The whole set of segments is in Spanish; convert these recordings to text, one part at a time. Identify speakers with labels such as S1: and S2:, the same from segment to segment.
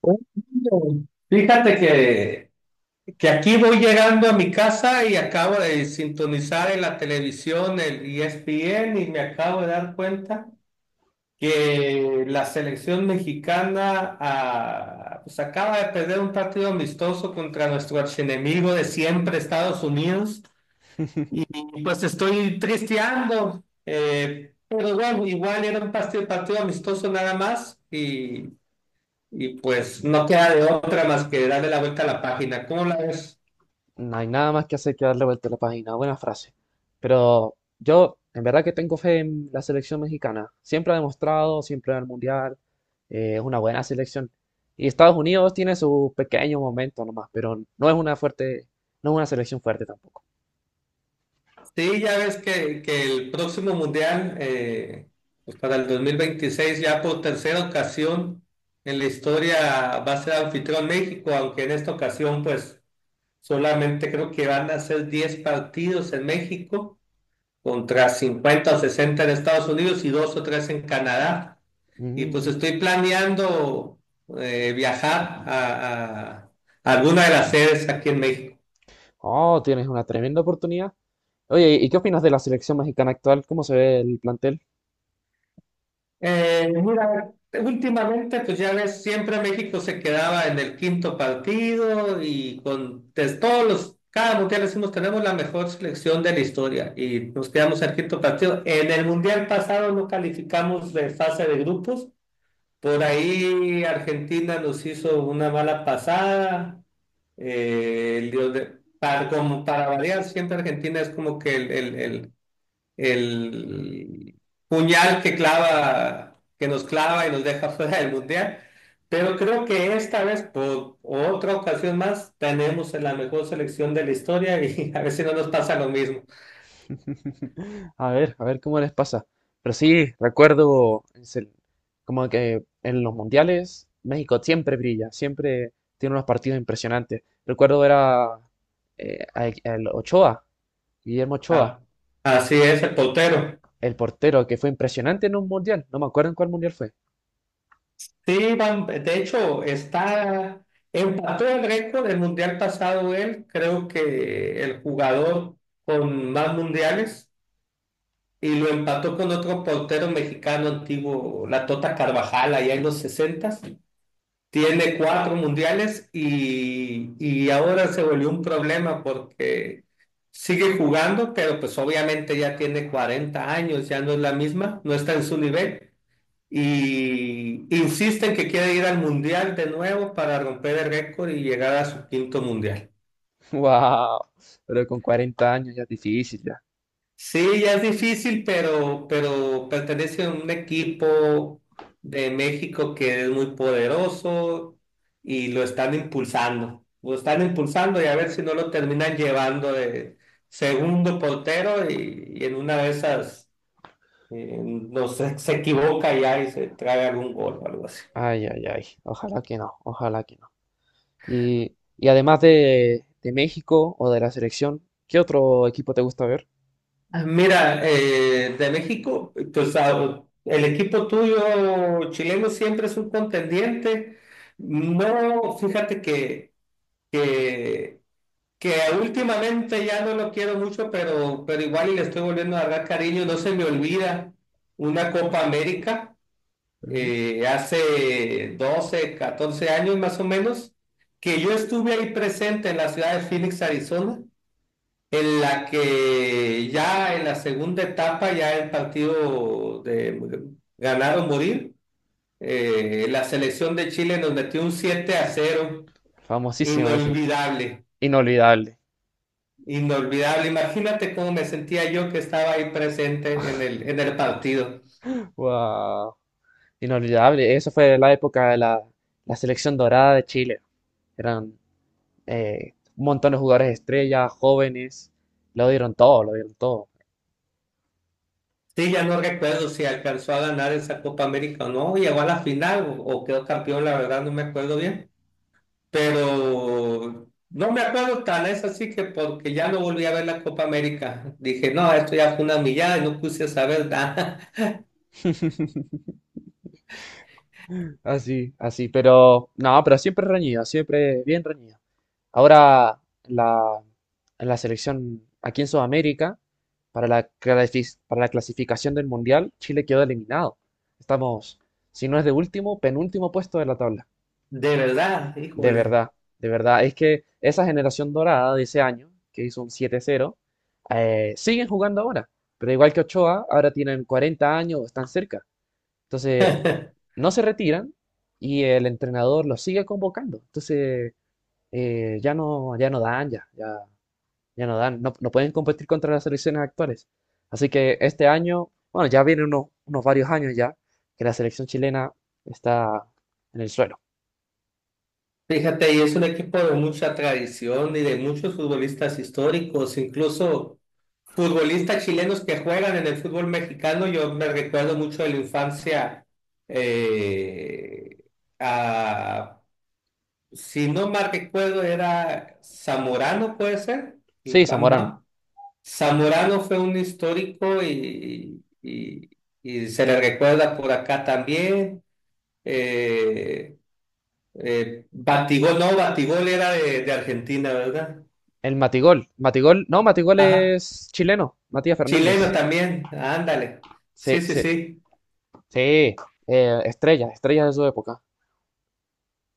S1: Oh, no. Fíjate que aquí voy llegando a mi casa y acabo de sintonizar en la televisión el ESPN y me acabo de dar cuenta que la selección mexicana pues acaba de perder un partido amistoso contra nuestro archienemigo de siempre, Estados Unidos, y pues estoy tristeando, pero bueno, igual era un partido amistoso nada más y pues no queda de otra más que darle la vuelta a la página. ¿Cómo la ves?
S2: No hay nada más que hacer que darle vuelta a la página. Buena frase. Pero yo, en verdad que tengo fe en la selección mexicana. Siempre ha demostrado, siempre en el Mundial. Es una buena selección. Y Estados Unidos tiene su pequeño momento nomás, pero no es una fuerte, no es una selección fuerte tampoco.
S1: Sí, ya ves que el próximo mundial, pues para el 2026 ya por tercera ocasión en la historia va a ser anfitrión México, aunque en esta ocasión pues solamente creo que van a ser 10 partidos en México contra 50 o 60 en Estados Unidos y dos o tres en Canadá. Y pues
S2: Mm.
S1: estoy planeando viajar a, a alguna de las sedes aquí en México.
S2: Oh, tienes una tremenda oportunidad. Oye, ¿y qué opinas de la selección mexicana actual? ¿Cómo se ve el plantel?
S1: Mira, últimamente, pues ya ves, siempre México se quedaba en el quinto partido y con de todos los, cada mundial decimos, tenemos la mejor selección de la historia y nos quedamos en el quinto partido. En el mundial pasado no calificamos de fase de grupos. Por ahí Argentina nos hizo una mala pasada. El para, como para variar, siempre Argentina es como que el puñal que clava, que nos clava y nos deja fuera del mundial. Pero creo que esta vez, por otra ocasión más, tenemos la mejor selección de la historia y a ver si no nos pasa lo mismo.
S2: A ver cómo les pasa. Pero sí, recuerdo como que en los mundiales México siempre brilla, siempre tiene unos partidos impresionantes. Recuerdo era el Ochoa, Guillermo Ochoa,
S1: Ah, así es el portero.
S2: el portero que fue impresionante en un mundial. No me acuerdo en cuál mundial fue.
S1: Sí, de hecho, está, empató el récord del mundial pasado él, creo que el jugador con más mundiales, y lo empató con otro portero mexicano antiguo, la Tota Carvajal, allá en los sesentas. Tiene cuatro mundiales y ahora se volvió un problema porque sigue jugando, pero pues obviamente ya tiene 40 años, ya no es la misma, no está en su nivel. Y insisten que quiere ir al mundial de nuevo para romper el récord y llegar a su quinto mundial.
S2: ¡Wow! Pero con 40 años ya es difícil ya.
S1: Sí, ya es difícil, pero pertenece a un equipo de México que es muy poderoso y lo están impulsando. Lo están impulsando y a ver si no lo terminan llevando de segundo portero y en una de esas no sé, se equivoca ya y se trae algún gol o algo así.
S2: Ay, ay, ay. Ojalá que no, ojalá que no. Y además de México o de la selección, ¿qué otro equipo te gusta ver?
S1: Ah, mira, de México, o sea, el equipo tuyo chileno siempre es un contendiente. No, fíjate que, que últimamente ya no lo quiero mucho, pero igual y le estoy volviendo a dar cariño. No se me olvida una Copa América hace 12, 14 años más o menos, que yo estuve ahí presente en la ciudad de Phoenix, Arizona, en la que ya en la segunda etapa, ya el partido de ganar o morir, la selección de Chile nos metió un 7 a cero
S2: Famosísimo ese.
S1: inolvidable,
S2: Inolvidable.
S1: inolvidable. Imagínate cómo me sentía yo que estaba ahí presente en el partido.
S2: Wow. Inolvidable. Eso fue la época de la selección dorada de Chile. Eran un montón de jugadores estrellas, jóvenes. Lo dieron todo, lo dieron todo.
S1: Sí, ya no recuerdo si alcanzó a ganar esa Copa América o no, llegó a la final o quedó campeón, la verdad no me acuerdo bien, pero no me acuerdo tan, es así que porque ya no volví a ver la Copa América. Dije, no, esto ya fue una millada y no puse a saber nada.
S2: Así, así. Pero, no, pero siempre reñido, siempre bien reñido. Ahora, la, la selección aquí en Sudamérica, para para la clasificación del Mundial, Chile quedó eliminado. Estamos, si no es de último, penúltimo puesto de la tabla.
S1: De verdad,
S2: De
S1: híjole.
S2: verdad, de verdad. Es que esa generación dorada de ese año, que hizo un 7-0, siguen jugando ahora. Pero igual que Ochoa, ahora tienen 40 años, están cerca. Entonces, no se retiran y el entrenador los sigue convocando. Entonces, ya no, ya no dan, ya, ya, ya no dan. No, no pueden competir contra las selecciones actuales. Así que este año, bueno, ya vienen unos, unos varios años ya que la selección chilena está en el suelo.
S1: Fíjate, y es un equipo de mucha tradición y de muchos futbolistas históricos, incluso futbolistas chilenos que juegan en el fútbol mexicano. Yo me recuerdo mucho de la infancia eh, a, si no mal recuerdo, era Zamorano, puede ser, el
S2: Sí,
S1: Bam
S2: Zamorano.
S1: Bam. Zamorano fue un histórico y, y se le recuerda por acá también. Eh, Batigol, no, Batigol era de Argentina, ¿verdad?
S2: El Matigol. Matigol, no, Matigol
S1: Ajá.
S2: es chileno. Matías
S1: Chileno
S2: Fernández.
S1: también, ándale. Sí,
S2: Sí,
S1: sí,
S2: sí,
S1: sí.
S2: sí. Estrellas, estrellas de su época.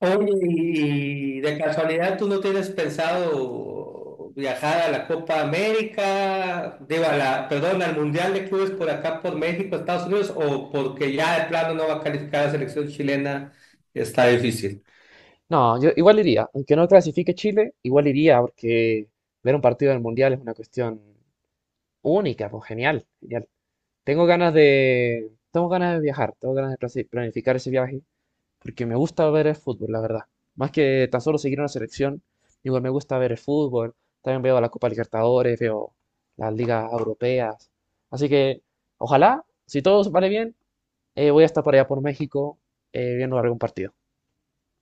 S1: Oye, y de casualidad tú no tienes pensado viajar a la Copa América, digo, a la, perdón, al Mundial de Clubes por acá, por México, Estados Unidos, o porque ya de plano no va a calificar la selección chilena, está difícil.
S2: No, yo igual iría. Aunque no clasifique Chile, igual iría porque ver un partido del Mundial es una cuestión única, pues genial, genial. Tengo ganas de viajar, tengo ganas de planificar ese viaje porque me gusta ver el fútbol, la verdad. Más que tan solo seguir una selección, igual me gusta ver el fútbol, también veo la Copa Libertadores, veo las ligas europeas. Así que ojalá, si todo vale bien, voy a estar por allá por México viendo algún partido.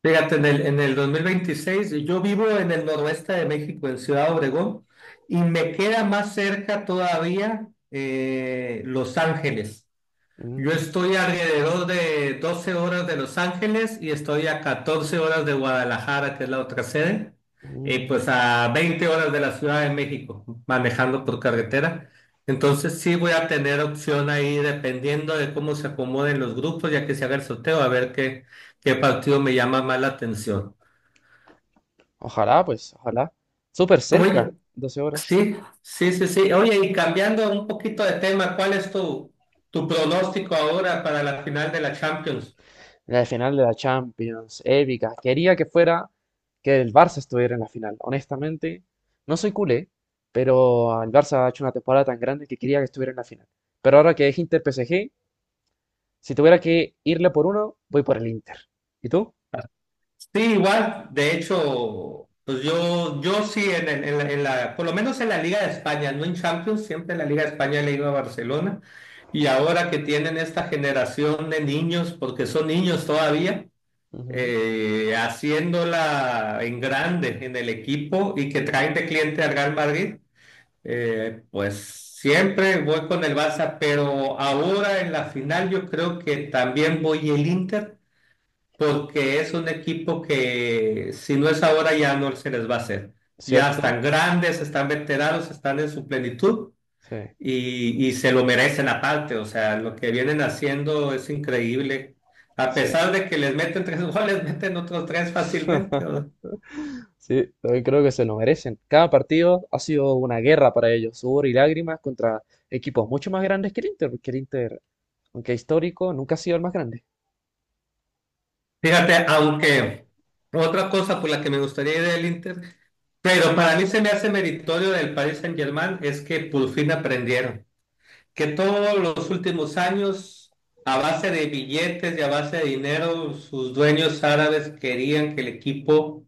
S1: Fíjate, en el 2026, yo vivo en el noroeste de México, en Ciudad Obregón, y me queda más cerca todavía Los Ángeles. Yo
S2: Mm,
S1: estoy alrededor de 12 horas de Los Ángeles y estoy a 14 horas de Guadalajara, que es la otra sede, y
S2: mm.
S1: pues a 20 horas de la Ciudad de México, manejando por carretera. Entonces sí voy a tener opción ahí dependiendo de cómo se acomoden los grupos, ya que se haga el sorteo, a ver qué, qué partido me llama más la atención.
S2: Ojalá, pues, ojalá. Súper cerca,
S1: Oye,
S2: 12 horas.
S1: sí, sí, sí, sí. Oye, y cambiando un poquito de tema, ¿cuál es tu, tu pronóstico ahora para la final de la Champions?
S2: La final de la Champions, épica. Quería que fuera, que el Barça estuviera en la final. Honestamente, no soy culé, pero el Barça ha hecho una temporada tan grande que quería que estuviera en la final. Pero ahora que es Inter-PSG, si tuviera que irle por uno, voy por el Inter. ¿Y tú?
S1: Sí, igual, de hecho, pues yo sí, en, en la, por lo menos en la Liga de España, no en Champions, siempre en la Liga de España le he ido a Barcelona. Y ahora que tienen esta generación de niños, porque son niños todavía,
S2: Ujú.
S1: haciéndola en grande en el equipo y que traen de cliente al Real Madrid, pues siempre voy con el Barça, pero ahora en la final yo creo que también voy el Inter porque es un equipo que si no es ahora ya no se les va a hacer. Ya
S2: ¿Cierto?
S1: están grandes, están veteranos, están en su plenitud
S2: Sí,
S1: y se lo merecen aparte. O sea, lo que vienen haciendo es increíble. A
S2: sí.
S1: pesar de que les meten tres goles, meten otros tres fácilmente. O-
S2: Sí, también creo que se lo merecen. Cada partido ha sido una guerra para ellos, sudor y lágrimas contra equipos mucho más grandes que el Inter, porque el Inter, aunque histórico, nunca ha sido el más grande.
S1: Fíjate, aunque otra cosa por la que me gustaría ir del Inter, pero para mí se me hace meritorio del Paris Saint-Germain es que por fin aprendieron. Que todos los últimos años, a base de billetes y a base de dinero, sus dueños árabes querían que el equipo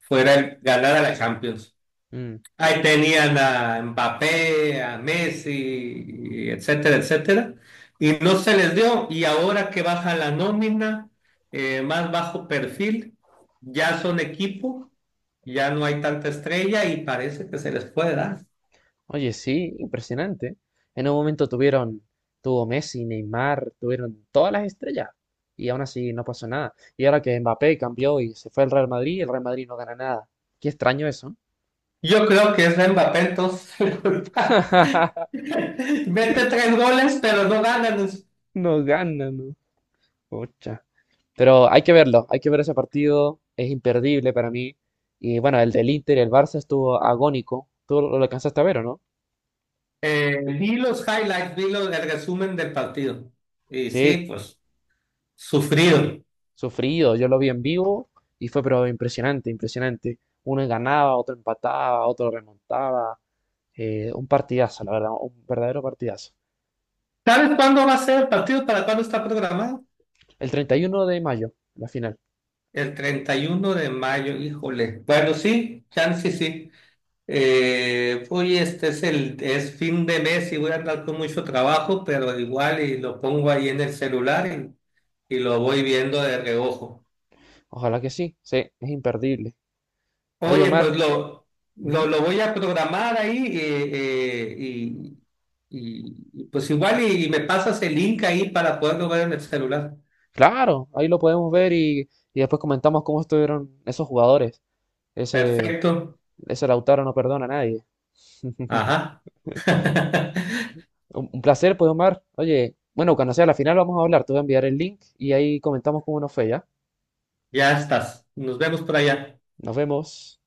S1: ganara la Champions.
S2: Mm.
S1: Ahí tenían a Mbappé, a Messi, etcétera, etcétera. Y no se les dio. Y ahora que baja la nómina, más bajo perfil, ya son equipo, ya no hay tanta estrella y parece que se les puede dar.
S2: Oye, sí, impresionante. En un momento tuvieron, tuvo Messi, Neymar, tuvieron todas las estrellas y aún así no pasó nada. Y ahora que Mbappé cambió y se fue al Real Madrid, el Real Madrid no gana nada. Qué extraño eso.
S1: Yo creo que es Mbappé entonces. Mete tres goles, pero no ganan.
S2: No gana, no. Pucha. Pero hay que verlo, hay que ver ese partido, es imperdible para mí. Y bueno, el del Inter y el Barça estuvo agónico. Tú lo alcanzaste a ver, ¿o no?
S1: Vi los highlights, el resumen del partido. Y sí,
S2: Sí.
S1: pues, sufrido.
S2: Sufrido, yo lo vi en vivo y fue pero impresionante, impresionante. Uno ganaba, otro empataba, otro remontaba. Un partidazo, la verdad, un verdadero partidazo.
S1: ¿Sabes cuándo va a ser el partido? ¿Para cuándo está programado?
S2: El 31 de mayo, la final.
S1: El 31 de mayo, híjole. Bueno, sí, chance sí. Oye, este es el es fin de mes y voy a andar con mucho trabajo, pero igual y lo pongo ahí en el celular y lo voy viendo de reojo.
S2: Ojalá que sí, sí, es imperdible. Oye,
S1: Oye,
S2: Omar,
S1: pues
S2: ujú.
S1: lo voy a programar ahí y, y, pues igual y me pasas el link ahí para poderlo ver en el celular.
S2: Claro, ahí lo podemos ver y después comentamos cómo estuvieron esos jugadores. Ese,
S1: Perfecto.
S2: ese Lautaro no perdona a nadie.
S1: Ajá.
S2: Un placer, pues, Omar. Oye, bueno, cuando sea la final vamos a hablar. Te voy a enviar el link y ahí comentamos cómo nos fue, ¿ya?
S1: Ya estás. Nos vemos por allá.
S2: Nos vemos.